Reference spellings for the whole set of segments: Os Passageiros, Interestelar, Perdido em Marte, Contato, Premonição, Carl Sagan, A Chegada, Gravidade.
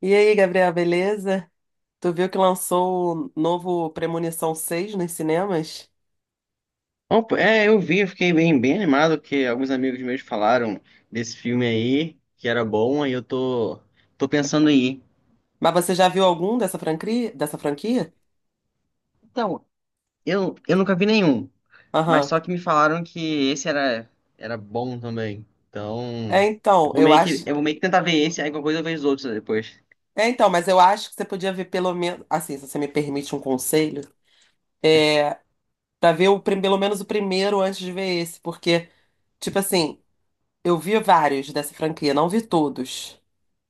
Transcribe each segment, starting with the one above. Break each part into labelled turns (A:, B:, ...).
A: E aí, Gabriel, beleza? Tu viu que lançou o novo Premonição 6 nos cinemas?
B: Opa, é, eu vi, eu fiquei bem, bem animado, que alguns amigos meus falaram desse filme aí, que era bom, aí eu tô pensando em ir.
A: Mas você já viu algum dessa franquia?
B: Então, eu nunca vi nenhum, mas
A: Aham.
B: só que me falaram que esse era bom também.
A: É,
B: Então, eu
A: então,
B: vou
A: eu
B: meio que,
A: acho.
B: eu vou meio que tentar ver esse, aí qualquer coisa eu vejo os outros depois.
A: É, então, mas eu acho que você podia ver pelo menos. Assim, se você me permite um conselho, é pra ver pelo menos o primeiro antes de ver esse, porque, tipo assim, eu vi vários dessa franquia, não vi todos.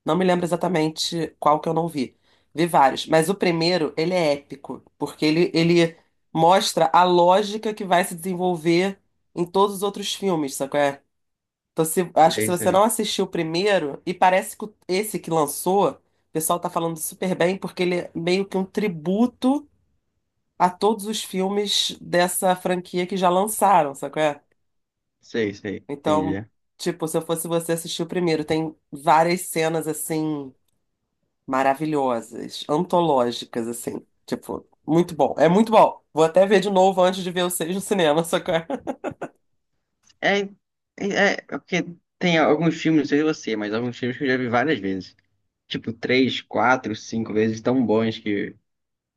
A: Não me lembro exatamente qual que eu não vi. Vi vários, mas o primeiro, ele é épico, porque ele mostra a lógica que vai se desenvolver em todos os outros filmes, sabe qual é? Então, se, acho que
B: Sei,
A: se você não
B: sei,
A: assistiu o primeiro, e parece que esse que lançou, o pessoal tá falando super bem, porque ele é meio que um tributo a todos os filmes dessa franquia que já lançaram, sabe qual é?
B: sei, sei,
A: Então,
B: entendi.
A: tipo, se eu fosse você assistir o primeiro, tem várias cenas assim maravilhosas, antológicas, assim. Tipo, muito bom. É muito bom. Vou até ver de novo antes de ver o 6 no cinema, só que...
B: É, é porque tem alguns filmes, não sei se é você, mas alguns filmes que eu já vi várias vezes. Tipo, três, quatro, cinco vezes tão bons que,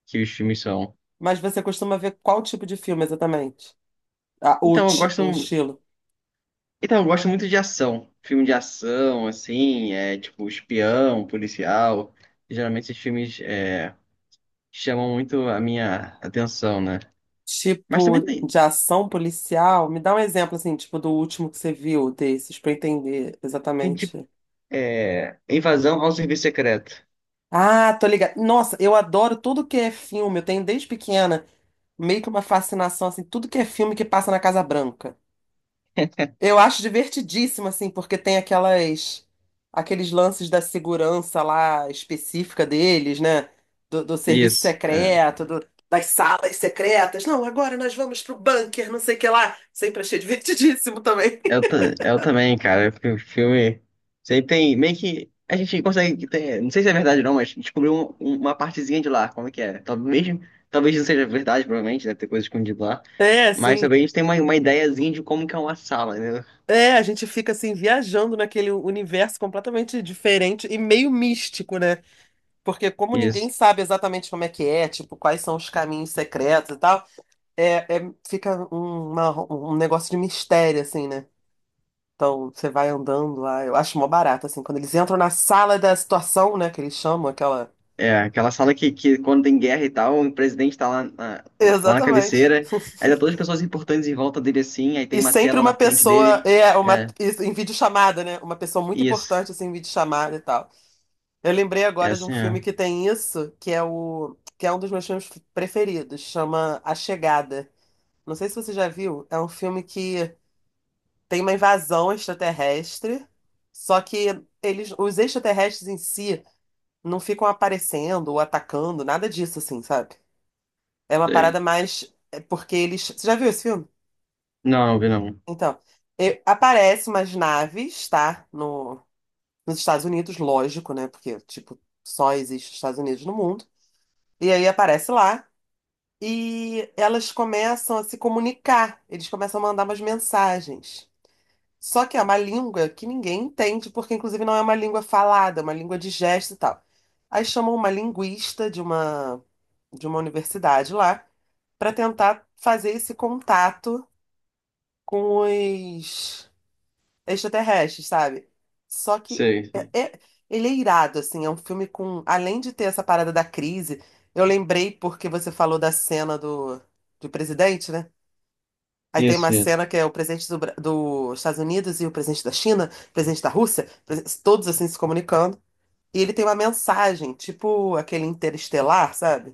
B: que os filmes são.
A: Mas você costuma ver qual tipo de filme exatamente? Ah,
B: Então, eu gosto,
A: o estilo.
B: então, eu gosto muito de ação. Filme de ação, assim, é tipo espião, policial. Geralmente esses filmes chamam muito a minha atenção, né? Mas
A: Tipo
B: também tem,
A: de ação policial? Me dá um exemplo, assim, tipo, do último que você viu desses, pra eu entender
B: tem tipo
A: exatamente.
B: invasão ao serviço secreto.
A: Ah, tô ligada. Nossa, eu adoro tudo que é filme. Eu tenho desde pequena meio que uma fascinação, assim, tudo que é filme que passa na Casa Branca. Eu acho divertidíssimo, assim, porque tem aqueles lances da segurança lá específica deles, né? Do serviço
B: Isso.
A: secreto, das salas secretas. Não, agora nós vamos pro bunker, não sei o que lá. Sempre achei divertidíssimo também.
B: Eu também, cara. O filme. Você tem. Meio que. A gente consegue ter. Não sei se é verdade ou não, mas descobriu uma partezinha de lá. Como é que é? Talvez, mesmo, talvez não seja verdade, provavelmente. Deve ter coisa escondida lá.
A: É,
B: Mas
A: sim.
B: também a gente tem uma ideiazinha de como que é uma sala, né?
A: É, a gente fica assim viajando naquele universo completamente diferente e meio místico, né? Porque como ninguém
B: Isso.
A: sabe exatamente como é que é, tipo, quais são os caminhos secretos e tal. Fica um negócio de mistério, assim, né? Então, você vai andando lá. Eu acho mó barato, assim, quando eles entram na sala da situação, né? Que eles chamam aquela.
B: É, aquela sala que quando tem guerra e tal, o presidente tá lá na, lá na
A: Exatamente.
B: cabeceira. Aí tá todas as pessoas importantes em volta dele assim. Aí tem
A: E
B: uma
A: sempre
B: tela
A: uma
B: na frente
A: pessoa,
B: dele.
A: é, uma,
B: É,
A: isso, em videochamada, né? Uma pessoa muito
B: isso.
A: importante, assim, em videochamada e tal. Eu lembrei
B: É
A: agora de um
B: assim,
A: filme
B: é.
A: que tem isso, que é um dos meus filmes preferidos, chama A Chegada. Não sei se você já viu, é um filme que tem uma invasão extraterrestre, só que eles, os extraterrestres em si não ficam aparecendo ou atacando, nada disso, assim, sabe? É uma
B: Sei.
A: parada mais. É porque eles. Você já viu esse filme?
B: Não, vi não.
A: Então, aparecem umas naves, tá? No, nos Estados Unidos, lógico, né? Porque, tipo, só existe os Estados Unidos no mundo. E aí aparece lá. E elas começam a se comunicar, eles começam a mandar umas mensagens. Só que é uma língua que ninguém entende, porque inclusive não é uma língua falada, é uma língua de gesto e tal. Aí chamam uma linguista de uma, universidade lá para tentar fazer esse contato com os extraterrestres, sabe? Só que
B: Sei,
A: é-
B: sei.
A: é- Ele é irado, assim, é um filme com, além de ter essa parada da crise, eu lembrei porque você falou da cena do presidente, né? Aí tem uma
B: Isso, isso.
A: cena que é o presidente dos Estados Unidos e o presidente da China, o presidente da Rússia, todos assim se comunicando. E ele tem uma mensagem, tipo aquele interestelar, sabe?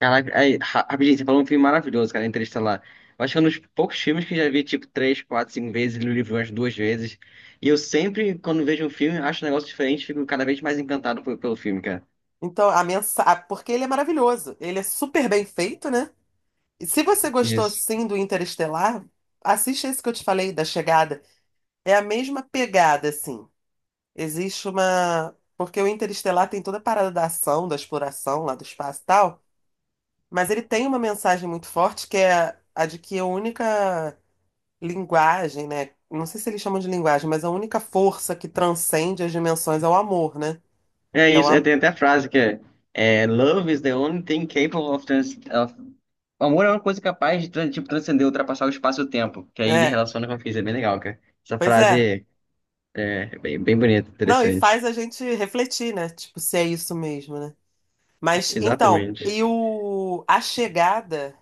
B: Caraca, aí, rapidinho, você falou um filme maravilhoso, cara, Interestelar. Eu acho que é um dos poucos filmes que eu já vi, tipo, três, quatro, cinco vezes, li o livro umas duas vezes. E eu sempre, quando vejo um filme, acho um negócio diferente, fico cada vez mais encantado pelo filme, cara.
A: Então, a mensagem. Porque ele é maravilhoso. Ele é super bem feito, né? E se você gostou
B: Isso.
A: sim do Interestelar, assiste esse que eu te falei, da chegada. É a mesma pegada, assim. Existe uma. Porque o Interestelar tem toda a parada da ação, da exploração lá do espaço e tal. Mas ele tem uma mensagem muito forte que é a de que a única linguagem, né? Não sei se eles chamam de linguagem, mas a única força que transcende as dimensões é o amor, né?
B: É
A: É o
B: isso, é,
A: am...
B: tem até a frase que é, Love is the only thing capable of, trans of... Amor é uma coisa capaz de, tipo, transcender, ultrapassar o espaço e o tempo. Que aí ele
A: É,
B: relaciona com a física, é bem legal, cara. Essa
A: pois é.
B: frase é bem, bem bonita,
A: Não, e
B: interessante.
A: faz a gente refletir, né? Tipo, se é isso mesmo, né? Mas então,
B: Exatamente.
A: e o A Chegada,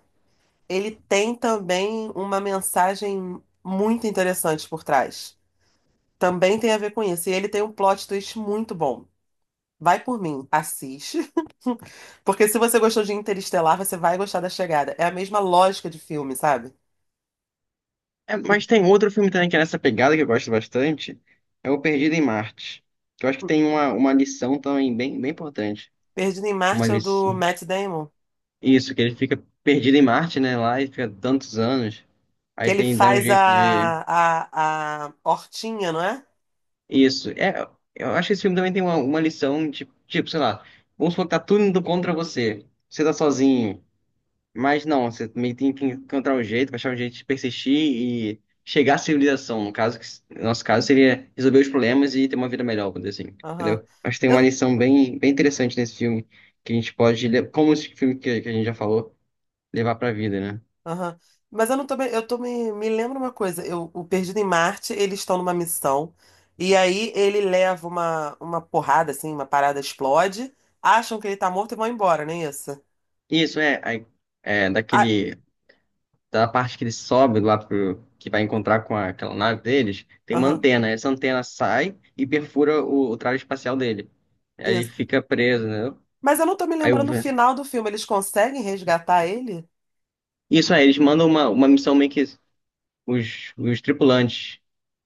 A: ele tem também uma mensagem muito interessante por trás. Também tem a ver com isso. E ele tem um plot twist muito bom. Vai por mim, assiste. Porque se você gostou de Interestelar, você vai gostar da Chegada. É a mesma lógica de filme, sabe?
B: É,
A: E
B: mas tem outro filme também que é nessa pegada que eu gosto bastante, é o Perdido em Marte. Que eu acho que tem uma lição também bem, bem importante.
A: Perdido em
B: Uma
A: Marte é o do
B: lição.
A: Matt Damon,
B: Isso, que ele fica perdido em Marte, né? Lá e fica tantos anos.
A: que
B: Aí
A: ele
B: tem, dá um
A: faz
B: jeito de.
A: a hortinha, não é?
B: Isso. É, eu acho que esse filme também tem uma lição de, tipo, sei lá, vamos supor que tá tudo indo contra você. Você tá sozinho. Mas não, você também tem que encontrar um jeito, achar um jeito de persistir e chegar à civilização. No caso, no nosso caso, seria resolver os problemas e ter uma vida melhor, por dizer assim,
A: Aham.
B: entendeu? Acho que tem
A: Eu,
B: uma lição bem, bem interessante nesse filme, que a gente pode, como esse filme que a gente já falou, levar pra vida, né?
A: aham. Mas eu não tô, me- eu tô me lembro uma coisa, o Perdido em Marte, eles estão numa missão, e aí ele leva uma porrada, assim, uma parada explode, acham que ele tá morto e vão embora, não é isso?
B: Isso é
A: Ah,
B: daquele, da parte que ele sobe lá pro, que vai encontrar com aquela nave deles, tem uma
A: aham,
B: antena. Essa antena sai e perfura o traje espacial dele. Aí ele
A: isso.
B: fica preso, né?
A: Mas eu não tô me
B: Aí o
A: lembrando o final do filme, eles conseguem resgatar ele?
B: Isso aí, eles mandam uma missão meio que os tripulantes.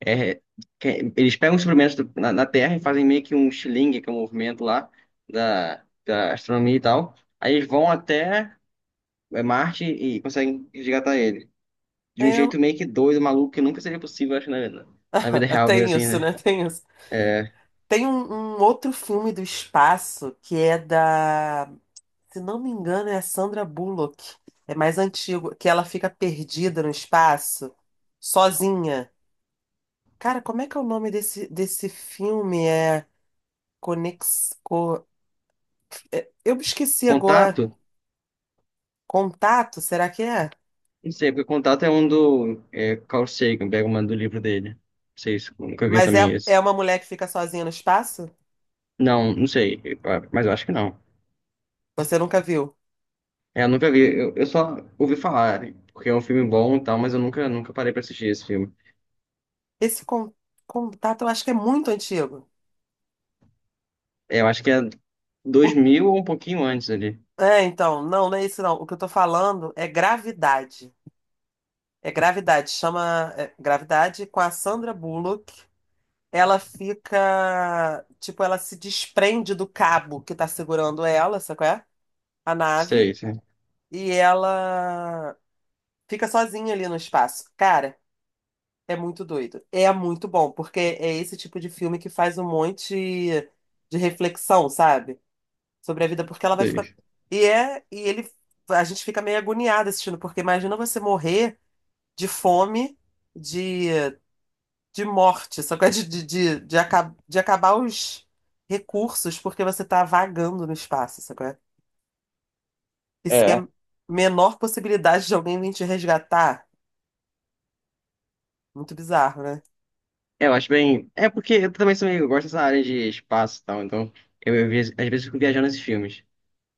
B: é, Eles pegam os experimentos na Terra e fazem meio que um shilling, que é um movimento lá da astronomia e tal. Aí eles vão até Marte e conseguem resgatar ele. De um
A: É,
B: jeito meio que doido, maluco, que nunca seria possível, acho, na vida real, mesmo
A: tem
B: assim,
A: isso,
B: né?
A: né? Tem isso.
B: É,
A: Tem um outro filme do espaço que é da, se não me engano, é a Sandra Bullock. É mais antigo, que ela fica perdida no espaço, sozinha. Cara, como é que é o nome desse filme? Conex... Co- Eu me esqueci agora.
B: contato?
A: Contato, será que é?
B: Não sei, porque contato é um do Carl Sagan, pega uma do livro dele. Não sei se nunca vi
A: Mas é,
B: também esse.
A: é uma mulher que fica sozinha no espaço?
B: Não, não sei, mas eu acho que não.
A: Você nunca viu?
B: É, eu nunca vi. Eu só ouvi falar, porque é um filme bom e tal, mas eu nunca, nunca parei pra assistir esse filme.
A: Esse con- Contato eu acho que é muito antigo.
B: É, eu acho que é 2000 ou um pouquinho antes ali.
A: É, então, não, não é isso não. O que eu tô falando é gravidade. É gravidade, chama gravidade com a Sandra Bullock. Ela fica, tipo, ela se desprende do cabo que tá segurando ela, sabe qual é? A nave,
B: Sei, sei,
A: e ela fica sozinha ali no espaço. Cara, é muito doido. É muito bom, porque é esse tipo de filme que faz um monte de reflexão, sabe? Sobre a vida, porque ela vai ficar.
B: sei.
A: E é, e ele, a gente fica meio agoniada assistindo, porque imagina você morrer de fome, de, de morte, só que é de acabar os recursos porque você tá vagando no espaço, sacou? É? E sem
B: É.
A: a menor possibilidade de alguém vir te resgatar. Muito bizarro, né?
B: É, eu acho bem. É porque eu também sou meio, eu gosto dessa área de espaço e tal, então eu às vezes fico viajando nesses filmes.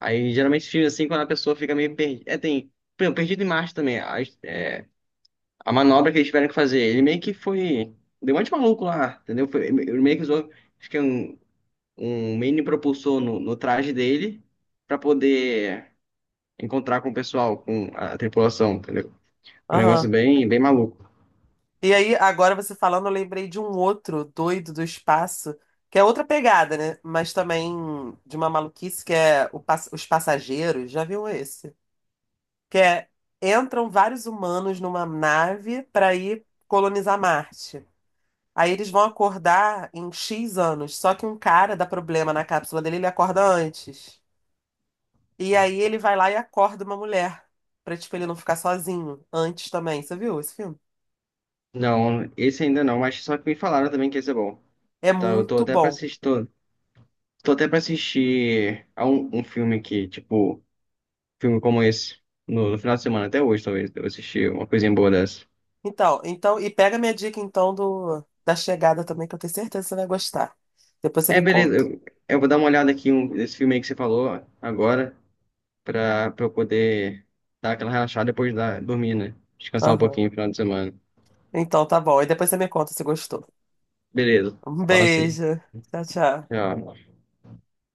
B: Aí geralmente esses filmes assim, quando a pessoa fica meio perdida. É, tem. Por exemplo, Perdido em Marte também. É, a manobra que eles tiveram que fazer, ele meio que foi. Deu um monte de maluco lá, entendeu? Foi, ele meio que usou. Acho que é um mini propulsor no traje dele para poder encontrar com o pessoal, com a tripulação, entendeu? Um negócio
A: Aham.
B: bem, bem maluco.
A: E aí, agora você falando, eu lembrei de um outro doido do espaço, que é outra pegada, né? Mas também de uma maluquice que é Os Passageiros. Já viu esse? Que entram vários humanos numa nave para ir colonizar Marte. Aí eles vão acordar em X anos, só que um cara dá problema na cápsula dele, ele acorda antes. E aí ele vai lá e acorda uma mulher, pra tipo ele não ficar sozinho antes também. Você viu esse filme?
B: Não, esse ainda não, mas só que me falaram também que esse é bom.
A: É
B: Então, eu tô
A: muito
B: até pra
A: bom.
B: assistir, tô até pra assistir a um filme que, tipo, filme como esse, no final de semana, até hoje, talvez, eu assisti uma coisinha boa dessa.
A: Então, e pega minha dica então do da chegada também, que eu tenho certeza que você vai gostar. Depois você
B: É,
A: me
B: beleza,
A: conta.
B: eu vou dar uma olhada aqui nesse filme aí que você falou agora. Pra eu poder dar aquela relaxada depois da, dormir, né? Descansar um
A: Aham.
B: pouquinho no final de semana.
A: Então, tá bom. E depois você me conta se gostou.
B: Beleza,
A: Um
B: fala assim.
A: beijo. Tchau, tchau.
B: Tchau.